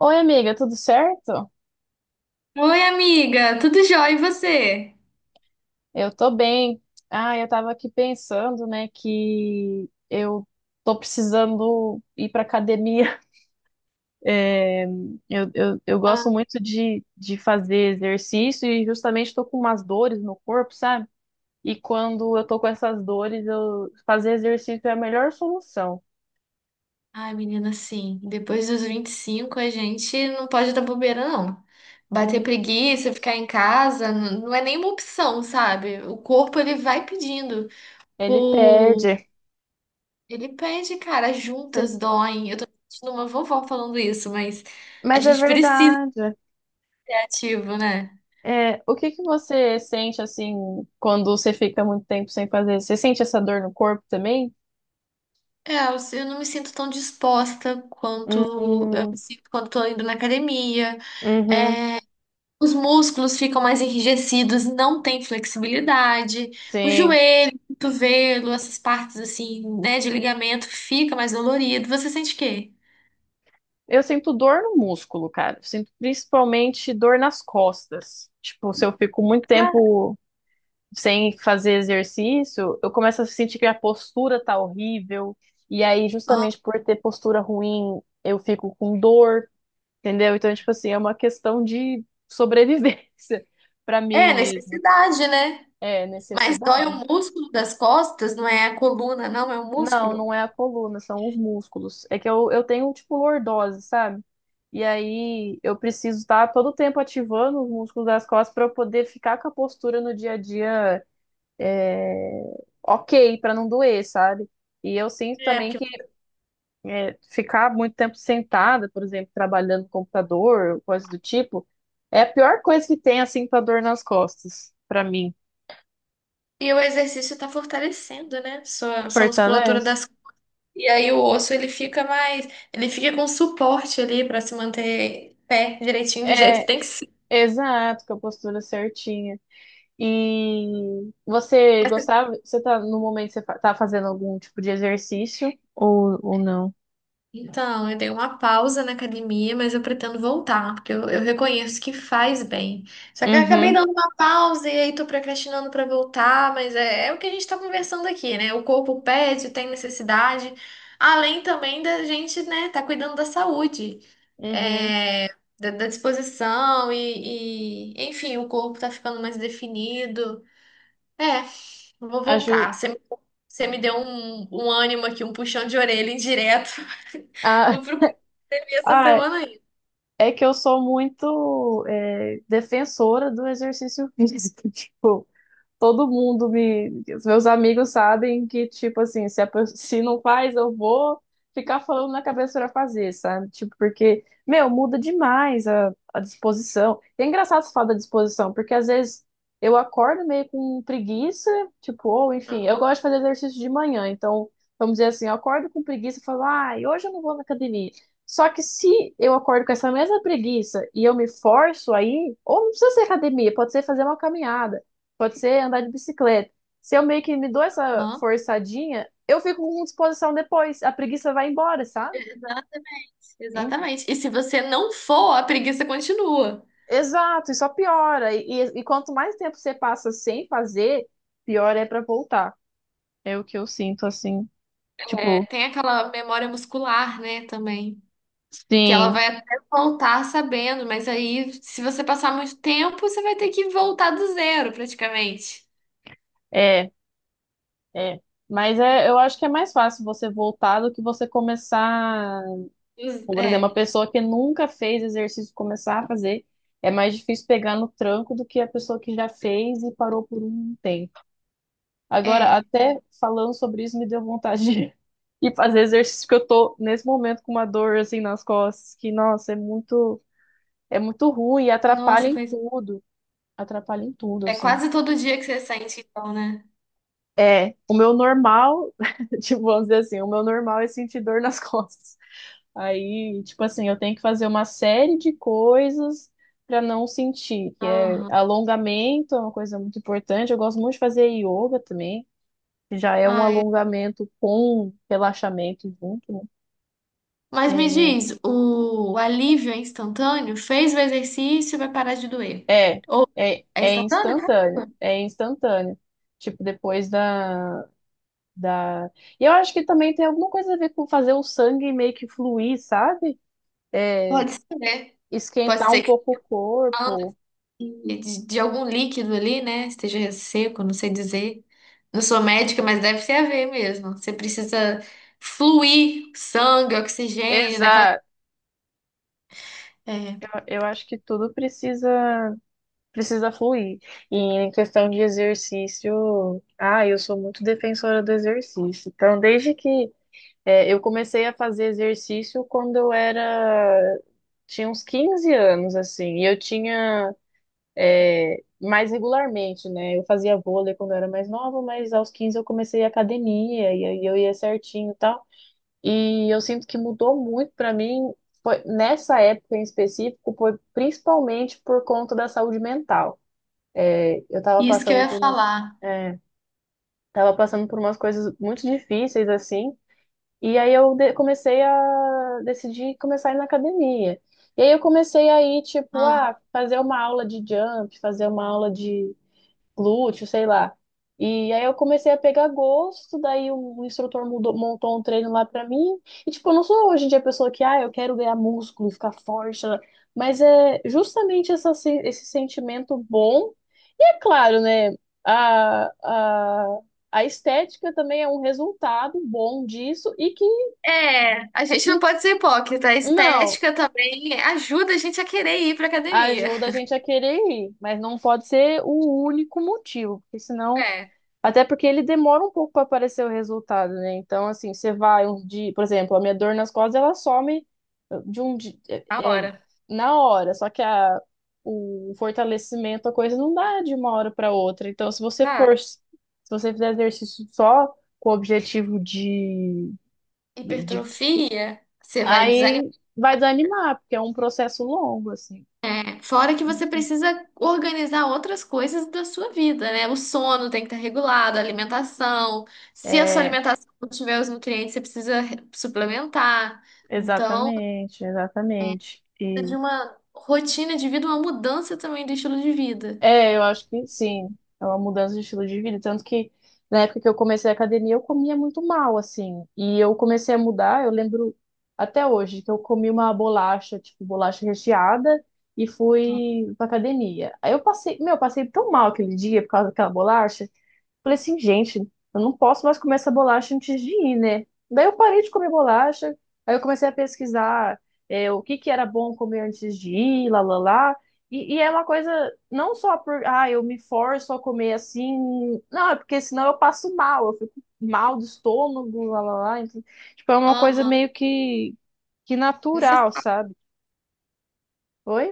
Oi, amiga, tudo certo? Oi, amiga, tudo jóia e você? Eu tô bem. Ah, eu tava aqui pensando, né, que eu tô precisando ir pra academia. É, eu gosto muito de fazer exercício e justamente tô com umas dores no corpo, sabe? E quando eu tô com essas dores, eu fazer exercício é a melhor solução. Ai, menina, sim, depois dos 25 a gente não pode dar bobeira, não. Bater Hum. preguiça, ficar em casa, não é nenhuma opção, sabe? O corpo ele vai pedindo Ele por... perde. Ele pede, cara, as juntas doem. Eu tô sentindo uma vovó falando isso, mas a Mas é gente precisa verdade. ser ativo, né? É, o que que você sente assim quando você fica muito tempo sem fazer? Você sente essa dor no corpo também? É, eu não me sinto tão disposta quanto eu me Hum. sinto quando tô indo na academia. Uhum. Os músculos ficam mais enrijecidos, não tem flexibilidade. O Sim. joelho, o cotovelo, essas partes assim, né, de ligamento, fica mais dolorido. Você sente o quê? Eu sinto dor no músculo, cara. Eu Sinto principalmente dor nas costas. Tipo, se eu fico muito Ah, tempo sem fazer exercício, eu começo a sentir que a postura tá horrível. E aí, ó. justamente por ter postura ruim, eu fico com dor, entendeu? Então, tipo assim, é uma questão de sobrevivência pra É mim mesmo. necessidade, né? É, Mas dói necessidade. o músculo das costas, não é a coluna, não, é o Não, músculo. não é a coluna, são os músculos. É que eu tenho, tipo, lordose, sabe? E aí eu preciso estar todo tempo ativando os músculos das costas para eu poder ficar com a postura no dia a dia, é, ok, para não doer, sabe? E eu sinto É, também porque... que é, ficar muito tempo sentada, por exemplo, trabalhando no computador, coisa do tipo, é a pior coisa que tem, assim, pra dor nas costas, pra mim. E o exercício está fortalecendo, né? Sua musculatura Fortalece. das. E aí o osso, ele fica mais... Ele fica com suporte ali para se manter pé direitinho, do jeito que É, tem que. exato, com a postura certinha. E você gostava? Você tá no momento, você tá fazendo algum tipo de exercício ou não? Então, eu dei uma pausa na academia, mas eu pretendo voltar, porque eu reconheço que faz bem. Só que eu acabei Uhum. dando uma pausa e aí tô procrastinando pra voltar, mas é o que a gente tá conversando aqui, né? O corpo pede, tem necessidade, além também da gente, né, tá cuidando da saúde, Uhum. é, da disposição e, enfim, o corpo tá ficando mais definido. É, vou Aju voltar. Você me deu um ânimo aqui, um puxão de orelha indireto. Ah. Vou procurar e essa Ah, semana ainda. é que eu sou muito é, defensora do exercício físico. Tipo, todo mundo me. Os meus amigos sabem que, tipo assim, se, a se não faz, eu vou ficar falando na cabeça pra fazer, sabe? Tipo, porque, meu, muda demais a disposição. E é engraçado você falar da disposição, porque às vezes eu acordo meio com preguiça, tipo, ou enfim, eu gosto de fazer exercício de manhã, então, vamos dizer assim, eu acordo com preguiça e falo, ai, hoje eu não vou na academia. Só que se eu acordo com essa mesma preguiça e eu me forço aí, ou não precisa ser academia, pode ser fazer uma caminhada. Pode ser andar de bicicleta. Se eu meio que me dou essa Aham. forçadinha, eu fico com disposição depois. A preguiça vai embora, sabe? Exatamente. Hein? Exatamente. E se você não for, a preguiça continua. Exato, e só piora. E quanto mais tempo você passa sem fazer, pior é pra voltar. É o que eu sinto, assim. É, Tipo, tem aquela memória muscular, né, também. Que ela sim, vai até voltar sabendo, mas aí, se você passar muito tempo, você vai ter que voltar do zero, praticamente. é, é. Mas é, eu acho que é mais fácil você voltar do que você começar. Como, por É, exemplo, uma pessoa que nunca fez exercício começar a fazer, é mais difícil pegar no tranco do que a pessoa que já fez e parou por um tempo. Agora, é. até falando sobre isso, me deu vontade de ir fazer exercício, porque eu tô nesse momento com uma dor assim nas costas, que, nossa, é muito ruim e atrapalha Nossa, em coisa. tudo. Atrapalha em tudo, É assim. quase todo dia que você sente, então, né? É, o meu normal, tipo, vamos dizer assim, o meu normal é sentir dor nas costas. Aí, tipo assim, eu tenho que fazer uma série de coisas para não sentir, que é Aham. alongamento, é uma coisa muito importante. Eu gosto muito de fazer yoga também. Já é um Ai, alongamento com relaxamento junto, né? mas me diz, o alívio é instantâneo? Fez o exercício, vai parar de doer. É, é, Ou é é instantâneo, cara? instantâneo, é instantâneo. Tipo, depois da, da... E eu acho que também tem alguma coisa a ver com fazer o sangue meio que fluir, sabe? É, Pode ser, né? Pode esquentar um ser que pouco o falta corpo. de algum líquido ali, né? Esteja seco, não sei dizer. Não sou médica, mas deve ter a ver mesmo. Você precisa fluir sangue, oxigênio, naquela. Exato. É, Eu acho que tudo precisa, precisa fluir. E em questão de exercício, ah, eu sou muito defensora do exercício. Então, desde que é, eu comecei a fazer exercício quando eu era, tinha uns 15 anos, assim, e eu tinha, é, mais regularmente, né? Eu fazia vôlei quando eu era mais nova, mas aos 15 eu comecei a academia, e aí eu ia certinho e tal. E eu sinto que mudou muito pra mim, nessa época em específico, foi principalmente por conta da saúde mental. É, eu tava isso que eu passando ia por, falar. é, tava passando por umas coisas muito difíceis, assim, e aí eu comecei a decidir começar a ir na academia. E aí eu comecei a ir, tipo, Ah. ah, fazer uma aula de jump, fazer uma aula de glúteo, sei lá. E aí eu comecei a pegar gosto, daí o instrutor montou um treino lá pra mim. E tipo, eu não sou hoje em dia a pessoa que, ah, eu quero ganhar músculo, ficar forte, né? Mas é justamente essa, esse sentimento bom. E é claro, né, a, a- a estética também é um resultado bom disso e que É, a gente que não pode ser hipócrita. A não estética também ajuda a gente a querer ir pra academia. ajuda a gente a querer ir, mas não pode ser o único motivo, porque senão, É, até porque ele demora um pouco para aparecer o resultado, né? Então, assim, você vai um dia, por exemplo, a minha dor nas costas, ela some de um dia, na é, é, hora. na hora, só que a, o fortalecimento, a coisa não dá de uma hora para outra. Então, se você for, Vai. se você fizer exercício só com o objetivo de, Hipertrofia, você vai desanimar. aí vai desanimar, porque é um processo longo, assim. Fora que você precisa organizar outras coisas da sua vida, né? O sono tem que estar regulado, a alimentação. Se a sua É, alimentação não tiver os nutrientes, você precisa suplementar. Então, exatamente, exatamente. precisa E de uma rotina de vida, uma mudança também do estilo de vida. é, eu acho que sim, é uma mudança de estilo de vida. Tanto que na época que eu comecei a academia, eu comia muito mal, assim. E eu comecei a mudar, eu lembro até hoje que eu comi uma bolacha, tipo bolacha recheada, e fui pra academia. Aí eu passei, meu, eu passei tão mal aquele dia por causa daquela bolacha. Falei assim, gente, eu não posso mais comer essa bolacha antes de ir, né? Daí eu parei de comer bolacha, aí eu comecei a pesquisar é, o que que era bom comer antes de ir, lá, lá, lá. E é uma coisa, não só por, ah, eu me forço a comer assim, não, é porque senão eu passo mal, eu fico mal do estômago, lá, lá, lá. Então, tipo, é uma coisa Aham. meio que natural, Necessária, sabe? Oi?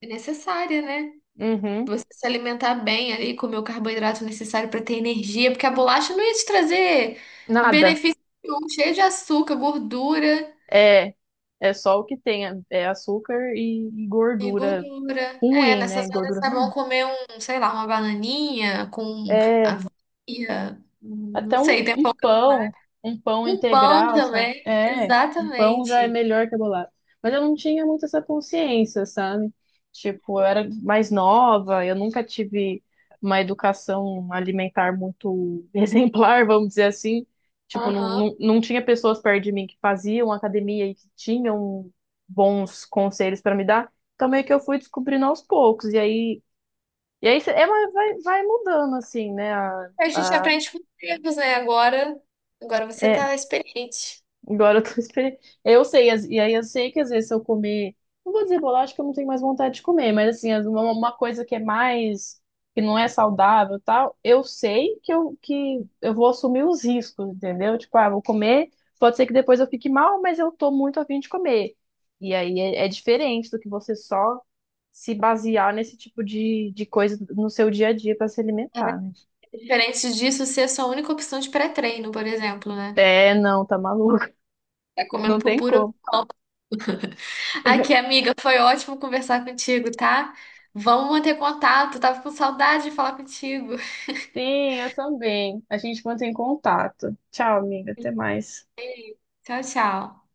é necessária, né? Uhum. Você se alimentar bem ali, comer o carboidrato necessário para ter energia, porque a bolacha não ia te trazer Nada. benefício nenhum, cheio de açúcar, gordura É, é só o que tem, é, é açúcar e e gordura gordura. É, ruim, nessas né? horas Gordura é bom ruim. comer um, sei lá, uma bananinha com, É, ia, não até um, sei, tem pouco no mar. Um pão Um pão integral, sabe? também, É, um pão já é exatamente. melhor que a bolada. Mas eu não tinha muito essa consciência, sabe? Tipo, eu era mais nova, eu nunca tive uma educação alimentar muito exemplar, vamos dizer assim. Tipo, Aham. Não tinha pessoas perto de mim que faziam academia e que tinham bons conselhos para me dar. Então, meio que eu fui descobrindo aos poucos. E aí, e aí é, mas vai, vai mudando, assim, né? A gente aprende com os erros, né? Agora, agora você É, tá experiente. agora eu tô esperando. Eu sei, e aí eu sei que às vezes se eu comer. Não vou dizer bolacha que eu não tenho mais vontade de comer, mas assim, uma coisa que é mais, que não é saudável e tal, eu sei que que eu vou assumir os riscos, entendeu? Tipo, ah, vou comer, pode ser que depois eu fique mal, mas eu tô muito a fim de comer. E aí é, é diferente do que você só se basear nesse tipo de coisa no seu dia a dia para se É alimentar, né? diferente disso ser a sua única opção de pré-treino, por exemplo, né? É, não, tá maluco. Tá comendo Não por tem puro. como. Aqui, amiga, foi ótimo conversar contigo, tá? Vamos manter contato. Tava com saudade de falar contigo. Sim, eu também. A gente mantém contato. Tchau, amiga. Até mais. Tchau, tchau.